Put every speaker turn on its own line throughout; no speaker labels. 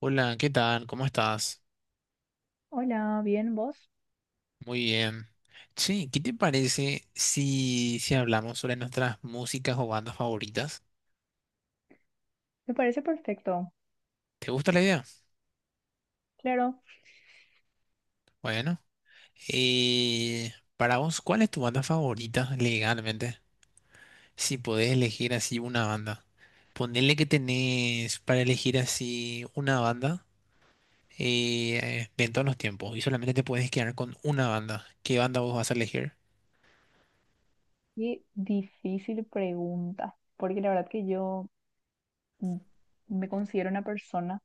Hola, ¿qué tal? ¿Cómo estás?
Hola, bien, ¿vos?
Muy bien. Che, ¿qué te parece si hablamos sobre nuestras músicas o bandas favoritas?
Me parece perfecto.
¿Te gusta la idea?
Claro,
Bueno, para vos, ¿cuál es tu banda favorita legalmente? Si podés elegir así una banda. Ponele que tenés para elegir así una banda de todos los tiempos y solamente te puedes quedar con una banda. ¿Qué banda vos vas a elegir?
qué difícil pregunta, porque la verdad que yo mm, me considero una persona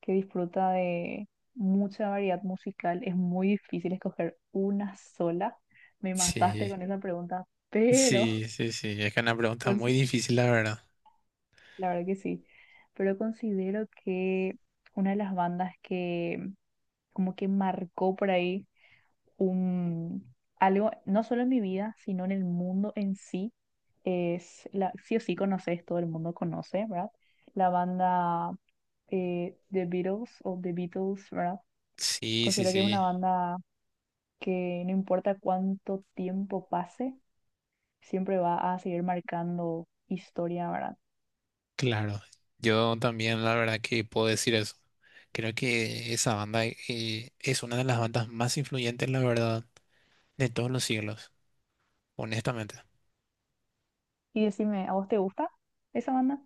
que disfruta de mucha variedad musical. Es muy difícil escoger una sola. Me mataste
Sí,
con esa pregunta, pero
sí, sí, sí. Es que es una pregunta
consi-
muy difícil, la verdad.
la verdad que sí, pero considero que una de las bandas que como que marcó por ahí un, algo, no solo en mi vida, sino en el mundo en sí, es, la, sí o sí conoces, todo el mundo conoce, ¿verdad? La banda The Beatles o The Beatles, ¿verdad?
Sí, sí,
Considero que es una
sí,
banda que no importa cuánto tiempo pase, siempre va a seguir marcando historia, ¿verdad?
claro. Yo también la verdad que puedo decir eso. Creo que esa banda es una de las bandas más influyentes, la verdad, de todos los siglos, honestamente.
Y decime, ¿a vos te gusta esa banda?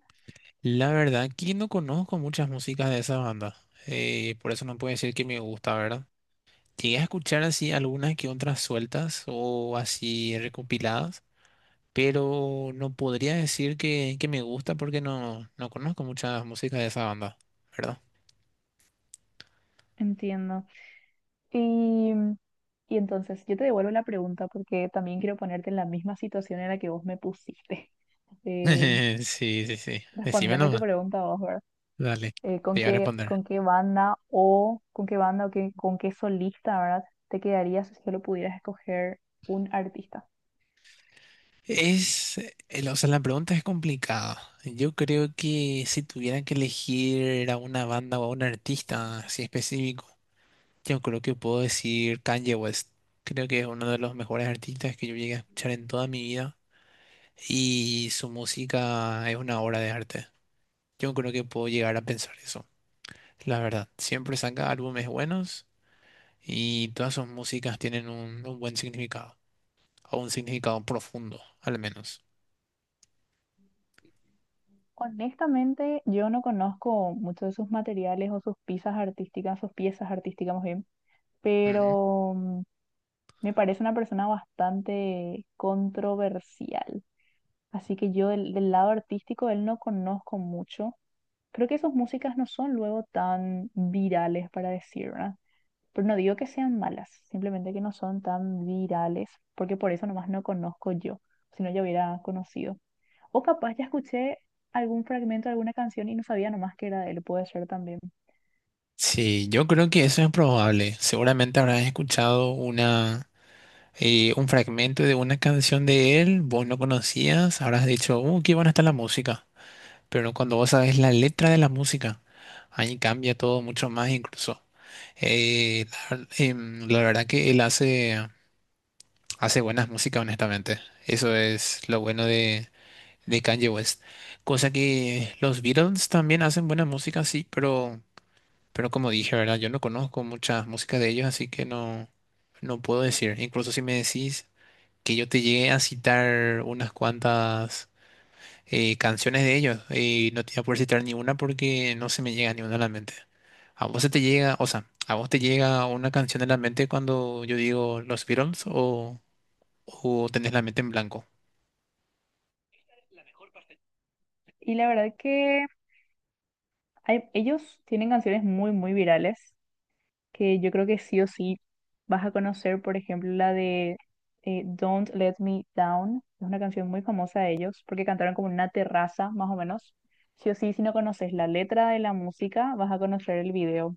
La verdad que no conozco muchas músicas de esa banda, por eso no puedo decir que me gusta, ¿verdad? Llegué a escuchar así algunas que otras sueltas o así recopiladas, pero no podría decir que me gusta porque no conozco muchas músicas de esa banda, ¿verdad?
Entiendo. Y, y entonces yo te devuelvo la pregunta porque también quiero ponerte en la misma situación en la que vos me pusiste. Eh,
Sí, sí, sí. Decime
respondeme tu
nomás.
pregunta vos, ¿verdad?
Dale,
¿Con
te voy a
qué,
responder.
con qué banda o con qué solista, ¿verdad? Te quedarías si solo pudieras escoger un artista?
Es, o sea, la pregunta es complicada. Yo creo que si tuviera que elegir a una banda o a un artista así específico, yo creo que puedo decir Kanye West. Creo que es uno de los mejores artistas que yo llegué a escuchar en toda mi vida y su música es una obra de arte. Yo creo que puedo llegar a pensar eso. La verdad, siempre saca álbumes buenos y todas sus músicas tienen un buen significado. A un significado profundo, al menos.
Honestamente, yo no conozco mucho de sus materiales o sus piezas artísticas más bien,
Ujú.
pero me parece una persona bastante controversial. Así que yo del lado artístico él no conozco mucho. Creo que sus músicas no son luego tan virales para decir, ¿verdad? Pero no digo que sean malas, simplemente que no son tan virales, porque por eso nomás no conozco yo, si no yo hubiera conocido. O capaz ya escuché algún fragmento de alguna canción y no sabía nomás que era de él, puede ser también.
Sí, yo creo que eso es probable. Seguramente habrás escuchado una, un fragmento de una canción de él, vos no conocías, habrás dicho, qué buena está la música. Pero cuando vos sabes la letra de la música, ahí cambia todo mucho más incluso. La verdad que él hace, hace buenas músicas, honestamente. Eso es lo bueno de Kanye West. Cosa que los Beatles también hacen buena música, sí, pero como dije, ¿verdad? Yo no conozco mucha música de ellos, así que no puedo decir. Incluso si me decís que yo te llegué a citar unas cuantas canciones de ellos, no te voy a poder citar ni una porque no se me llega ni una a la mente. ¿A vos se te llega, o sea, a vos te llega una canción a la mente cuando yo digo los Beatles o tenés la mente en blanco?
Y la verdad que ellos tienen canciones muy, muy virales que yo creo que sí o sí vas a conocer, por ejemplo, la de Don't Let Me Down. Es una canción muy famosa de ellos porque cantaron como en una terraza, más o menos. Sí o sí, si no conoces la letra de la música, vas a conocer el video.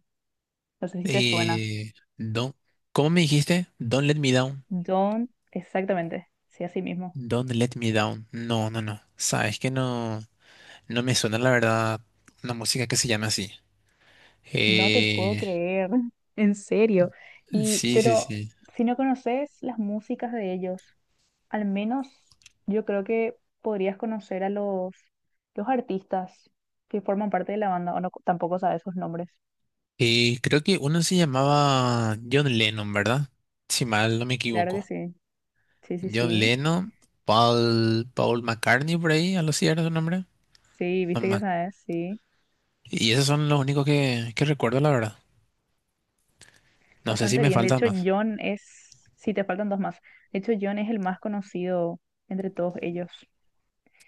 No sé si te suena.
No. ¿Cómo me dijiste? Don't Let Me Down.
Don't, exactamente, sí, así mismo.
Don't Let Me Down. No, no, no. Sabes que no, no me suena la verdad una música que se llama así.
No te puedo
Eh,
creer, en serio. Y,
sí, sí,
pero
sí.
si no conoces las músicas de ellos, al menos yo creo que podrías conocer a los artistas que forman parte de la banda, o no, tampoco sabes sus nombres.
Creo que uno se llamaba John Lennon, ¿verdad? Si mal no me
Claro que
equivoco.
sí. Sí, sí,
John
sí.
Lennon, Paul McCartney por ahí, algo así era su nombre.
Sí,
No
viste
me
que sabes, sí.
Y esos son los únicos que recuerdo, la verdad. No sé si
Bastante
me
bien. De
faltan
hecho,
más.
John es, sí, te faltan dos más. De hecho, John es el más conocido entre todos ellos.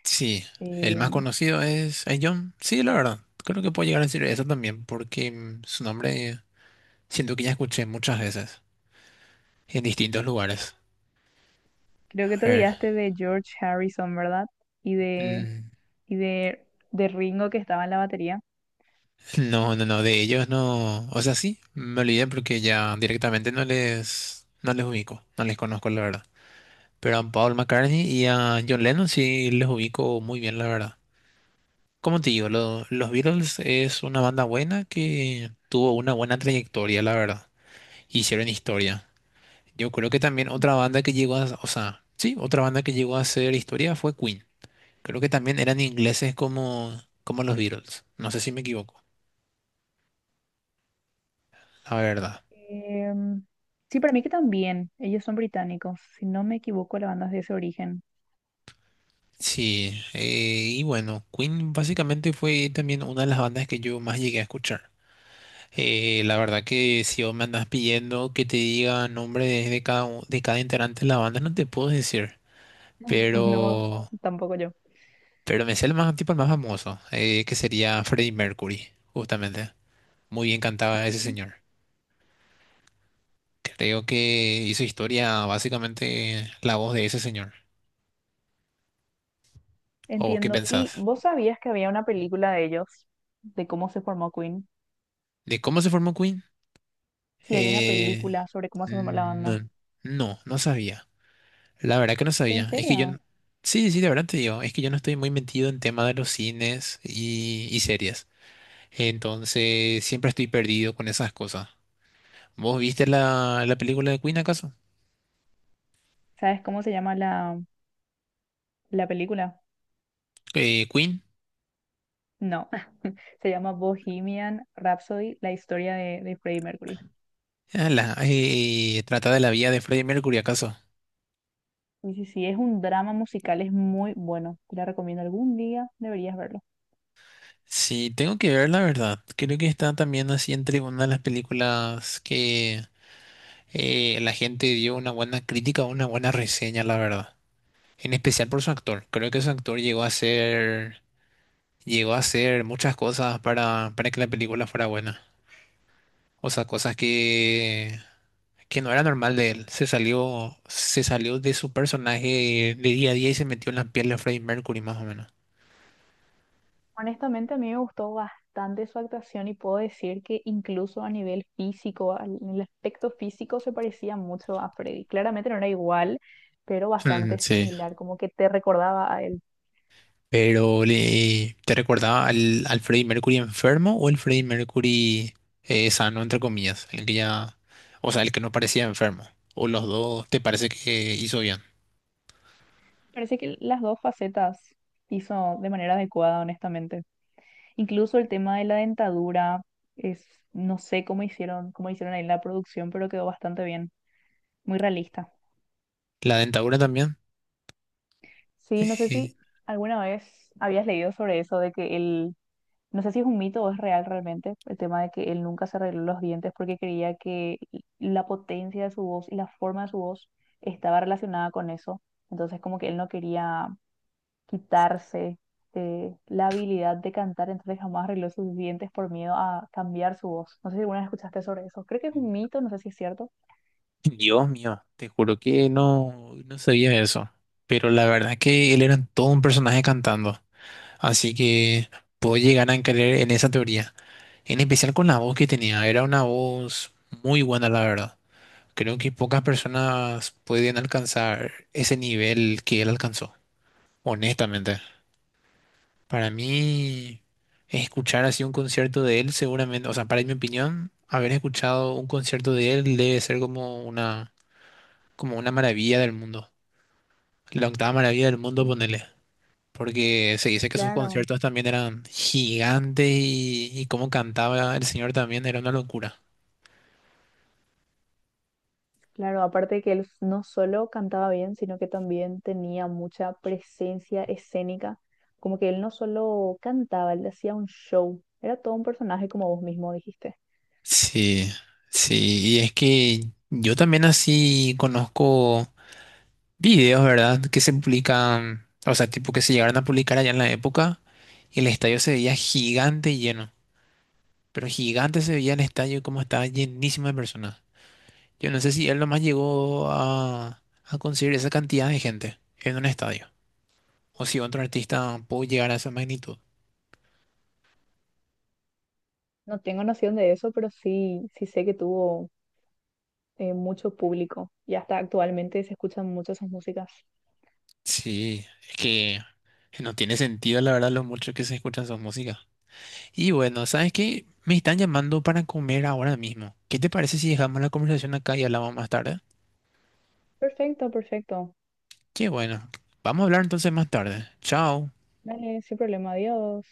Sí, el
Eh,
más conocido es John. Sí, la verdad. Creo que puedo llegar a decir eso también, porque mm, su nombre. Siento que ya escuché muchas veces en distintos lugares.
creo
A
que te
ver.
olvidaste de George Harrison, ¿verdad? Y de,
mm,
y de, de Ringo que estaba en la batería.
No, no, no, de ellos no. O sea, sí, me olvidé porque ya directamente no les, no les ubico, no les conozco, la verdad. Pero a Paul McCartney y a John Lennon sí les ubico muy bien, la verdad. Como te digo, los Beatles es una banda buena que tuvo una buena trayectoria, la verdad. Hicieron historia. Yo creo que también otra banda que llegó a, o sea, sí, otra banda que llegó a hacer historia fue Queen. Creo que también eran ingleses como, como los Beatles. No sé si me equivoco, la verdad.
Em, sí, para mí que también. Ellos son británicos. Si no me equivoco, la banda es de ese origen.
Sí, y bueno, Queen básicamente fue también una de las bandas que yo más llegué a escuchar. La verdad que si vos me andas pidiendo que te diga nombre de cada, de cada integrante de la banda, no te puedo decir.
No,
Pero,
tampoco yo.
pero me sé el más, tipo el más famoso, que sería Freddie Mercury, justamente. Muy bien cantaba ese
Mm.
señor. Creo que hizo historia básicamente la voz de ese señor. ¿O qué
Entiendo. ¿Y
pensás?
vos sabías que había una película de ellos, de cómo se formó Queen?
¿De cómo se formó Queen?
Sí, hay una
Eh,
película sobre cómo se formó la banda.
no, no, no sabía. La verdad que no
¿En
sabía. Es que yo...
serio?
sí, sí, de verdad te digo. Es que yo no estoy muy metido en tema de los cines y series. Entonces, siempre estoy perdido con esas cosas. ¿Vos viste la, la película de Queen acaso?
¿Sabes cómo se llama la película?
Queen.
No, se llama Bohemian Rhapsody, la historia de Freddie Mercury.
Ah, trata de la vida de Freddie Mercury acaso.
Sí, sí, sí, es un drama musical, es muy bueno. Te la recomiendo algún día, deberías verlo.
Sí, tengo que ver la verdad. Creo que está también así entre una de las películas que la gente dio una buena crítica, una buena reseña, la verdad. En especial por su actor. Creo que su actor llegó a hacer muchas cosas para que la película fuera buena. O sea, cosas que no era normal de él. Se salió de su personaje de día a día y se metió en la piel de Freddie Mercury, más o menos.
Honestamente, a mí me gustó bastante su actuación y puedo decir que incluso a nivel físico, en el aspecto físico se parecía mucho a Freddy. Claramente no era igual, pero
Mm,
bastante
sí,
similar, como que te recordaba a él.
pero le, ¿te recordaba al, al Freddie Mercury enfermo o el Freddie Mercury sano, entre comillas? El que ya, o sea, el que no parecía enfermo. ¿O los dos te parece que hizo bien?
Parece que las dos facetas hizo de manera adecuada, honestamente. Incluso el tema de la dentadura es, no sé cómo hicieron ahí en la producción, pero quedó bastante bien, muy realista.
La dentadura también.
Sí, no sé
Eh,
si alguna vez habías leído sobre eso de que él no sé si es un mito o es real realmente el tema de que él nunca se arregló los dientes porque creía que la potencia de su voz y la forma de su voz estaba relacionada con eso. Entonces como que él no quería quitarse la habilidad de cantar, entonces jamás arregló sus dientes por miedo a cambiar su voz. No sé si alguna vez escuchaste sobre eso. Creo que es un mito, no sé si es cierto.
Dios mío, te juro que no, no sabía eso. Pero la verdad es que él era todo un personaje cantando. Así que puedo llegar a creer en esa teoría. En especial con la voz que tenía. Era una voz muy buena, la verdad. Creo que pocas personas pueden alcanzar ese nivel que él alcanzó, honestamente. Para mí, escuchar así un concierto de él seguramente, o sea, para mi opinión, haber escuchado un concierto de él debe ser como una maravilla del mundo. La octava maravilla del mundo,
Sí,
ponele. Porque se dice que sus
claro.
conciertos también eran gigantes y cómo cantaba el señor también era una locura.
Claro, aparte que él no solo cantaba bien, sino que también tenía mucha presencia escénica. Como que él no solo cantaba, él hacía un show. Era todo un personaje, como vos mismo dijiste.
Sí, sí, y es que yo también así conozco videos, ¿verdad? Que se publican, o sea, tipo que se llegaron a publicar allá en la época y el estadio se veía gigante y lleno, pero gigante se veía el estadio como estaba llenísimo de personas. Yo no sé si él nomás llegó a conseguir esa cantidad de gente en un estadio o si otro artista pudo llegar a esa magnitud.
No tengo noción de eso, pero sí, sí sé que tuvo mucho público. Y hasta actualmente se escuchan mucho sus músicas.
Sí, es que no tiene sentido, la verdad, lo mucho que se escuchan sus músicas. Y bueno, ¿sabes qué? Me están llamando para comer ahora mismo. ¿Qué te parece si dejamos la conversación acá y hablamos más tarde?
Perfecto, perfecto.
Qué bueno. Vamos a hablar entonces más tarde. Chao.
Dale, sin problema. Adiós.